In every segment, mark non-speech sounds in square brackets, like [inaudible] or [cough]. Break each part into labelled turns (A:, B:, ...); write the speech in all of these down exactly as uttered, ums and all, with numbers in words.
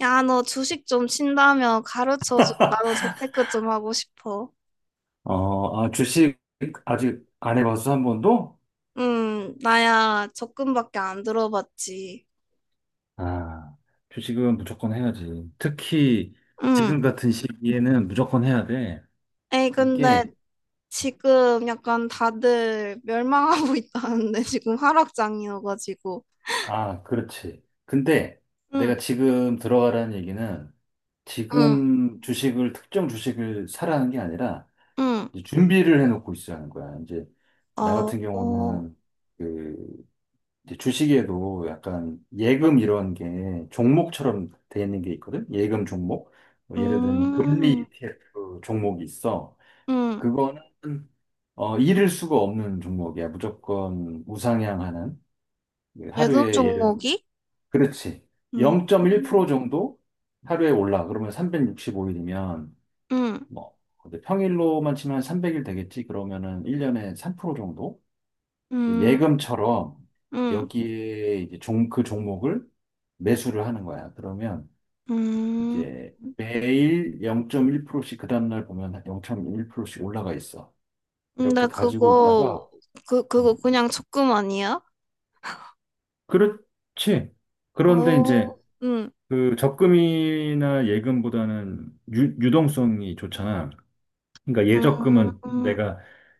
A: 야, 너 주식 좀 친다며 가르쳐줘. 나도 재테크 좀 하고 싶어.
B: 어, 아, 주식 아직 안 해봤어, 한 번도?
A: 음, 나야 적금밖에 안 들어봤지.
B: 아, 주식은 무조건 해야지. 특히
A: 음,
B: 지금 같은 시기에는 무조건 해야 돼.
A: 에이, 근데
B: 이게,
A: 지금 약간 다들 멸망하고 [laughs] 있다는데 지금 하락장이어가지고.
B: 아, 그렇지. 근데
A: 응,
B: 내가 지금 들어가라는 얘기는
A: 응,
B: 지금 주식을, 특정 주식을 사라는 게 아니라
A: 응.
B: 이제 준비를 해놓고 있으라는 거야. 이제 나
A: 어,
B: 같은
A: 어,
B: 경우는 그 이제 주식에도 약간 예금 이런 게 종목처럼 돼 있는 게 있거든? 예금 종목. 뭐 예를 들면 금리
A: 음,
B: 이티에프 종목이 있어.
A: 음.
B: 그거는 어, 잃을 수가 없는 종목이야. 무조건 우상향하는. 그
A: 예금
B: 하루에 예를,
A: 종목이?
B: 그렇지.
A: 음,
B: 영 점 일 퍼센트 정도 하루에 올라. 그러면 삼백육십오 일이면
A: 음,
B: 뭐 근데 평일로만 치면 한 삼백 일 되겠지. 그러면은 일 년에 삼 퍼센트 정도? 그
A: 음,
B: 예금처럼
A: 음,
B: 여기에 이제 종, 그 종목을 매수를 하는 거야. 그러면
A: 음.
B: 이제 매일 영 점 일 퍼센트씩 그 다음날 보면 영 점 일 퍼센트씩 올라가 있어.
A: 근데
B: 이렇게 가지고
A: 그거,
B: 있다가,
A: 그, 그거
B: 음.
A: 그냥 적금 아니야?
B: 그렇지. 그런데 이제
A: 어, 응,
B: 그 적금이나 예금보다는 유, 유동성이 좋잖아. 그러니까 예적금은
A: 음,
B: 내가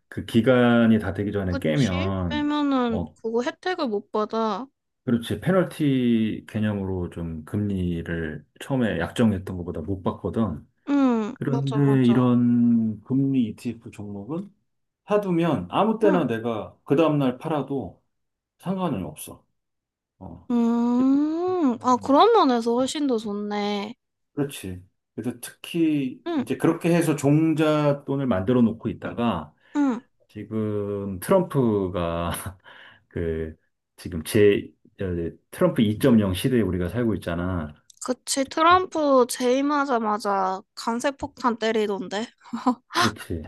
B: 그 기간이 다 되기 전에
A: 그치?
B: 깨면
A: 빼면은
B: 어,
A: 그거 혜택을 못 받아.
B: 그렇지. 페널티 개념으로 좀 금리를 처음에 약정했던 것보다 못 받거든.
A: 응, 맞아,
B: 그런데
A: 맞아.
B: 이런 금리 이티에프 종목은 사두면 아무
A: 응,
B: 때나 내가 그 다음날 팔아도 상관은 없어. 어.
A: 음, 아,
B: 음.
A: 그런 면에서 훨씬 더 좋네.
B: 그렇지. 그래서 특히
A: 응,
B: 이제 그렇게 해서 종잣돈을 만들어 놓고 있다가
A: 응,
B: 지금 트럼프가 [laughs] 그 지금 제 어, 트럼프 이 점 영 시대에 우리가 살고 있잖아.
A: 그치. 트럼프 재임하자마자 강세폭탄 때리던데.
B: 그렇지.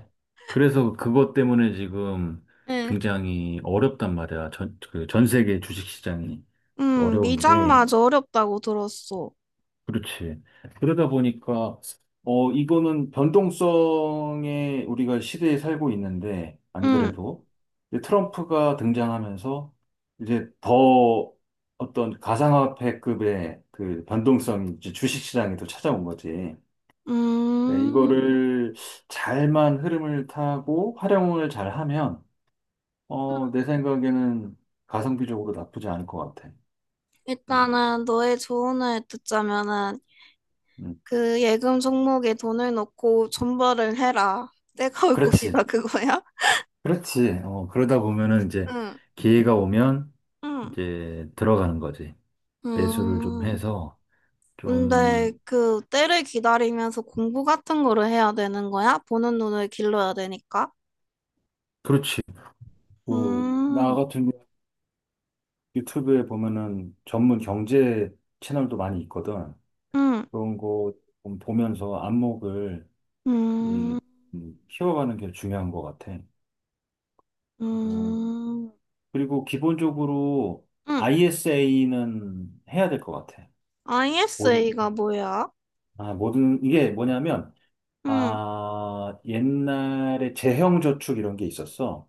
B: 그래서 그것 때문에 지금
A: 응,
B: 굉장히 어렵단 말이야. 전, 그 전 세계 주식시장이
A: 응,
B: 어려운데,
A: 미장마저 어렵다고 들었어.
B: 그렇지. 그러다 보니까, 어, 이거는 변동성에 우리가 시대에 살고 있는데, 안
A: 응,
B: 그래도. 이제 트럼프가 등장하면서 이제 더 어떤 가상화폐급의 그 변동성이 이제 주식시장에도 찾아온 거지. 네,
A: 음,
B: 이거를 잘만 흐름을 타고 활용을 잘하면, 어, 내 생각에는 가성비적으로 나쁘지 않을 것 같아. 음,
A: 일단은 너의 조언을 듣자면은
B: 음.
A: 그 예금 종목에 돈을 넣고 존버를 해라. 때가 올 것이다,
B: 그렇지.
A: 그거야?
B: 그렇지. 어, 그러다 보면은 이제
A: 응,
B: 기회가 오면
A: 응.
B: 이제 들어가는 거지. 매수를 좀
A: 음,
B: 해서 좀,
A: 근데 그 때를 기다리면서 공부 같은 거를 해야 되는 거야? 보는 눈을 길러야 되니까?
B: 그렇지. 뭐, 나
A: 음,
B: 같은 경우 유튜브에 보면은 전문 경제 채널도 많이 있거든.
A: 음,
B: 그런 거좀 보면서 안목을 이,
A: 음,
B: 음, 키워가는 게 중요한 것 같아. 그리고,
A: 음,
B: 그리고 기본적으로
A: 음.
B: 아이에스에이는 해야 될 것 같아. 모든,
A: 아이에스에이가 뭐야?
B: 아, 모든, 이게 뭐냐면,
A: 음,
B: 아, 옛날에 재형 저축 이런 게 있었어.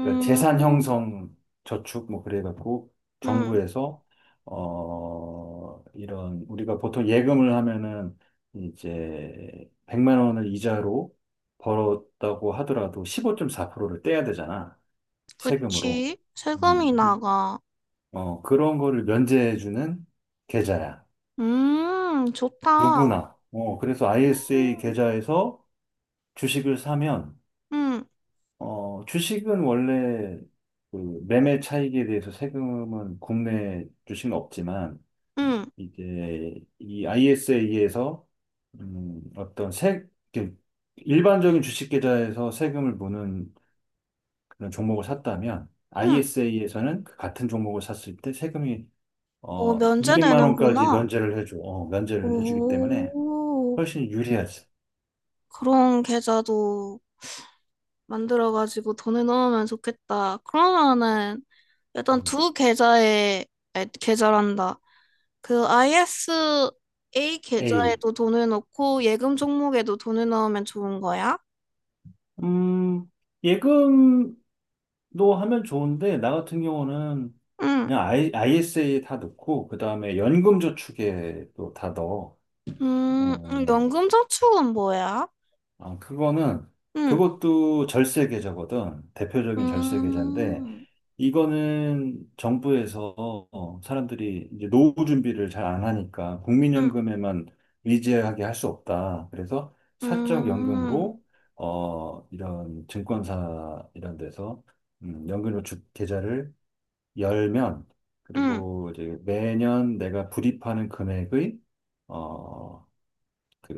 B: 그러니까 재산 형성 저축, 뭐, 그래갖고,
A: 음.
B: 정부에서, 어, 이런, 우리가 보통 예금을 하면은, 이제, 백만 원을 이자로 벌었다고 하더라도 십오 점 사 퍼센트를 떼야 되잖아. 세금으로.
A: 그치. 세금이
B: 음.
A: 나가.
B: 어, 그런 거를 면제해주는 계좌야.
A: 음, 좋다.
B: 누구나. 어, 그래서 아이에스에이
A: 음,
B: 계좌에서 주식을 사면,
A: 음,
B: 어, 주식은 원래 그 매매 차익에 대해서 세금은 국내 주식은 없지만,
A: 음.
B: 이제 이 아이에스에이에서 음, 어떤 세, 이렇게 일반적인 주식 계좌에서 세금을 무는 그런 종목을 샀다면,
A: 음.
B: 아이에스에이에서는 같은 종목을 샀을 때 세금이
A: 어,
B: 어,
A: 면제
B: 이백만 원까지
A: 되는구나.
B: 면제를 해줘. 어, 면제를 해주기 때문에
A: 오,
B: 훨씬 유리하지.
A: 그런 계좌도 만들어가지고 돈을 넣으면 좋겠다. 그러면은 일단
B: 음,
A: 두 계좌에, 아니, 계좌란다. 그 아이에스에이
B: A.
A: 계좌에도 돈을 넣고 예금 종목에도 돈을 넣으면 좋은 거야?
B: 음, 예금도 하면 좋은데, 나 같은 경우는
A: 응,
B: 그냥 I, 아이에스에이에 다 넣고, 그 다음에 연금저축에 또 다 넣어.
A: 음, 음,
B: 어,
A: 연금 저축은 뭐야?
B: 아, 그거는,
A: 응,
B: 그것도 절세 계좌거든. 대표적인 절세 계좌인데,
A: 음,
B: 이거는 정부에서 어, 사람들이 이제 노후 준비를 잘 안 하니까
A: 음,
B: 국민연금에만 의지하게 할 수 없다. 그래서 사적
A: 음,
B: 연금으로 어 이런 증권사 이런 데서 음, 연금저축 계좌를 열면
A: 음,
B: 그리고 이제 매년 내가 불입하는 금액의 어, 그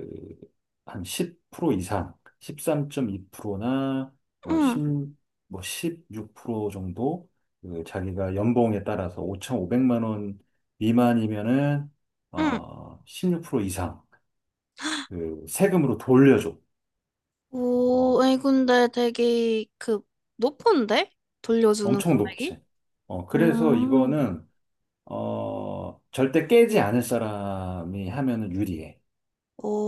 B: 한 십 퍼센트 이상, 십삼 점 이 퍼센트나 뭐
A: 음,
B: 일 육 뭐십육 퍼센트 정도 그 자기가 연봉에 따라서 오천오백만 원 미만이면은
A: 음.
B: 어 십육 퍼센트 이상 그 세금으로 돌려줘.
A: 오,
B: 어,
A: 아니, 근데 되게 그 높은데? 돌려주는
B: 엄청
A: 금액이?
B: 높지. 어, 그래서
A: 음,
B: 이거는 어 절대 깨지 않을 사람이 하면은 유리해.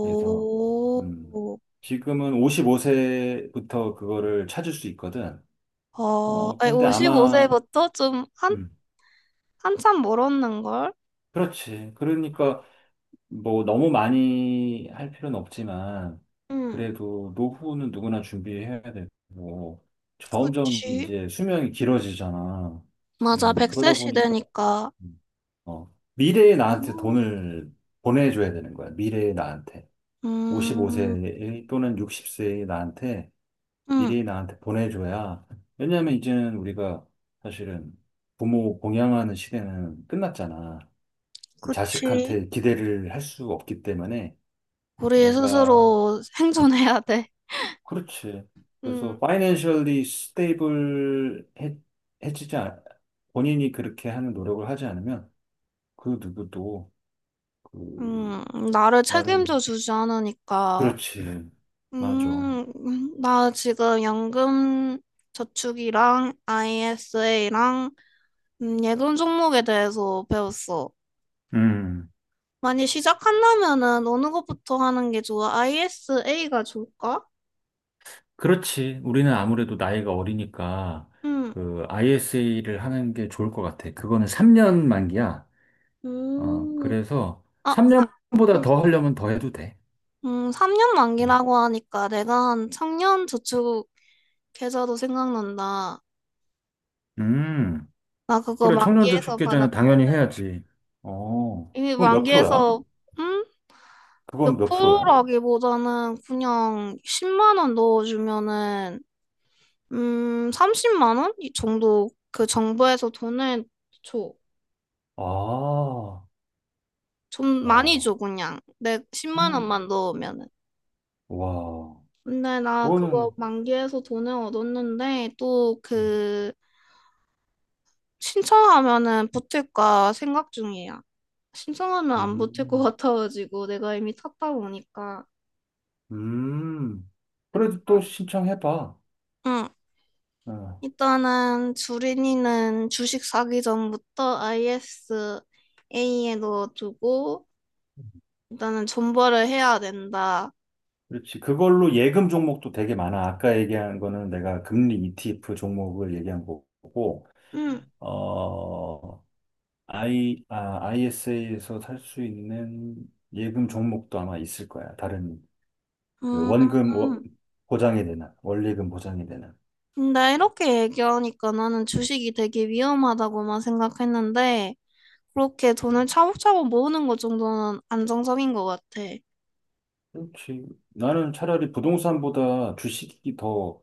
B: 그래서 음 지금은 오십오 세부터 그거를 찾을 수 있거든.
A: 아,
B: 어,
A: 아니,
B: 그런데
A: 십오 세
B: 아마,
A: 부터 좀 한,
B: 음,
A: 한참 멀었는걸?
B: 그렇지. 그러니까, 뭐, 너무 많이 할 필요는 없지만,
A: 응.
B: 그래도 노후는 누구나 준비해야 되고, 점점
A: 그치.
B: 이제 수명이 길어지잖아.
A: 맞아,
B: 음,
A: 백세
B: 그러다 보니까,
A: 시대니까.
B: 음, 어, 미래의
A: 어.
B: 나한테 돈을 보내줘야 되는 거야. 미래의 나한테.
A: 음,
B: 오십오 세 또는 육십 세의 나한테
A: 음,
B: 미리 나한테 보내줘야. 왜냐면 이제는 우리가 사실은 부모 공양하는 시대는 끝났잖아.
A: 그치.
B: 자식한테 기대를 할 수 없기 때문에
A: 우리
B: 내가,
A: 스스로 [laughs] 생존해야 돼.
B: 그렇지.
A: 음,
B: 그래서 파이낸셜리 스테이블 해지지 않, 본인이 그렇게 하는 노력을 하지 않으면 그 누구도 그
A: 음, 나를
B: 나를,
A: 책임져 주지 않으니까.
B: 그렇지. 맞아.
A: 음, 음, 나 지금 연금 저축이랑 아이에스에이랑 음, 예금 종목에 대해서 배웠어.
B: 음.
A: 만약 시작한다면은 어느 것부터 하는 게 좋아? 아이에스에이가 좋을까?
B: 그렇지. 우리는 아무래도 나이가 어리니까
A: 음,
B: 그 아이에스에이를 하는 게 좋을 것 같아. 그거는 삼 년 만기야. 어,
A: 음,
B: 그래서
A: 아,
B: 삼 년보다
A: 음,
B: 더 하려면 더 해도 돼.
A: 음, 삼 년
B: 음,
A: 만기라고 하니까 내가 한 청년 저축 계좌도 생각난다.
B: 음.
A: 나 그거
B: 그래. 청년저축
A: 만기에서
B: 계좌는 당연히
A: 받았거든.
B: 해야지. 어,
A: 이미
B: 그건 몇 프로야?
A: 만기에서, 음, 몇
B: 그건 몇
A: 프로
B: 프로야?
A: 라기보다는 그냥 십만 원 넣어주면은 음 삼십만 원? 이 정도 그 정부에서 돈을 줘.
B: 아,
A: 좀 많이
B: 야.
A: 줘 그냥. 내 십만 원만 넣으면은.
B: 와,
A: 근데 나 그거
B: 그거는,
A: 만기해서 돈을 얻었는데 또
B: 음,
A: 그 신청하면은 붙을까 생각 중이야. 신청하면 안 붙을 것
B: 음,
A: 같아가지고 내가 이미 탔다 보니까.
B: 음. 그래도
A: 응.
B: 또 신청해봐.
A: 응.
B: 어.
A: 일단은 주린이는 주식 사기 전부터 아이에스에이에 넣어두고 일단은 존버를 해야 된다.
B: 그렇지. 그걸로 예금 종목도 되게 많아. 아까 얘기한 거는 내가 금리 이티에프 종목을 얘기한 거고,
A: 응,
B: 어, I, 아, 아이에스에이에서 살 수 있는 예금 종목도 아마 있을 거야. 다른, 그
A: 음,
B: 원금 워- 보장이 되나, 원리금 보장이 되나.
A: 나 이렇게 얘기하니까 나는 주식이 되게 위험하다고만 생각했는데 그렇게 돈을 차곡차곡 모으는 것 정도는 안정적인 것 같아.
B: 그렇지. 나는 차라리 부동산보다 주식이 더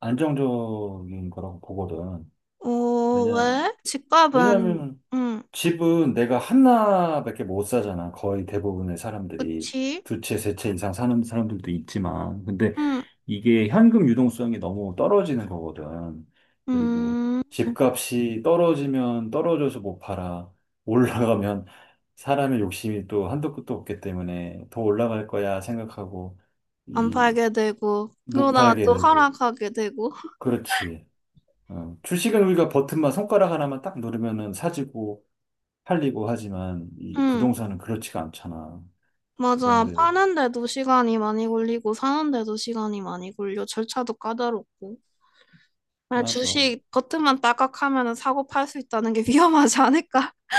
B: 안정적인 거라고 보거든.
A: 어,
B: 왜냐,
A: 왜? 집값은
B: 왜냐면
A: 응,
B: 집은 내가 하나밖에 못 사잖아. 거의 대부분의 사람들이.
A: 그치?
B: 두 채, 세 채 이상 사는 사람들도 있지만. 근데
A: 응,
B: 이게 현금 유동성이 너무 떨어지는 거거든. 그리고
A: 음,
B: 집값이 떨어지면 떨어져서 못 팔아. 올라가면 사람의 욕심이 또 한도 끝도 없기 때문에 더 올라갈 거야 생각하고,
A: 안
B: 이,
A: 팔게 되고
B: 못
A: 그러다가
B: 팔게
A: 또
B: 되고.
A: 하락하게 되고.
B: 그렇지. 어, 주식은 우리가 버튼만 손가락 하나만 딱 누르면은 사지고, 팔리고 하지만 이
A: 응.
B: 부동산은 그렇지가 않잖아.
A: 맞아.
B: 그런데
A: 파는데도 시간이 많이 걸리고, 사는데도 시간이 많이 걸려. 절차도 까다롭고. 만약
B: 맞아.
A: 주식 겉으만 딱딱 하면 사고 팔 수 있다는 게 위험하지 않을까? [laughs]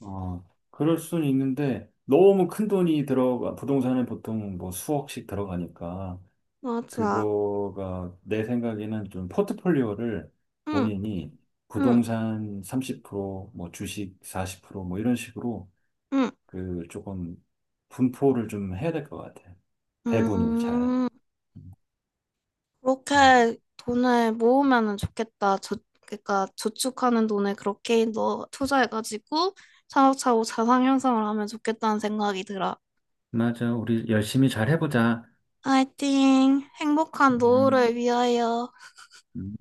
B: 어, 그럴 순 있는데 너무 큰 돈이 들어가 부동산에 보통 뭐 수억씩 들어가니까
A: 맞아.
B: 그거가 내 생각에는 좀 포트폴리오를
A: 응,
B: 본인이
A: 응,
B: 부동산 삼십 퍼센트 뭐 주식 사십 퍼센트 뭐 이런 식으로
A: 응,
B: 그 조금 분포를 좀 해야 될 것 같아. 배분을 잘.
A: 음.
B: 음.
A: 그렇게 돈을 모으면 좋겠다. 저, 그러니까 저축하는 돈을 그렇게 넣 투자해가지고 차곡차곡 자산 형성을 하면 좋겠다는 생각이 들어.
B: 맞아. 우리 열심히 잘 해보자.
A: 화이팅! 행복한
B: 음,
A: 노후를 위하여.
B: 음.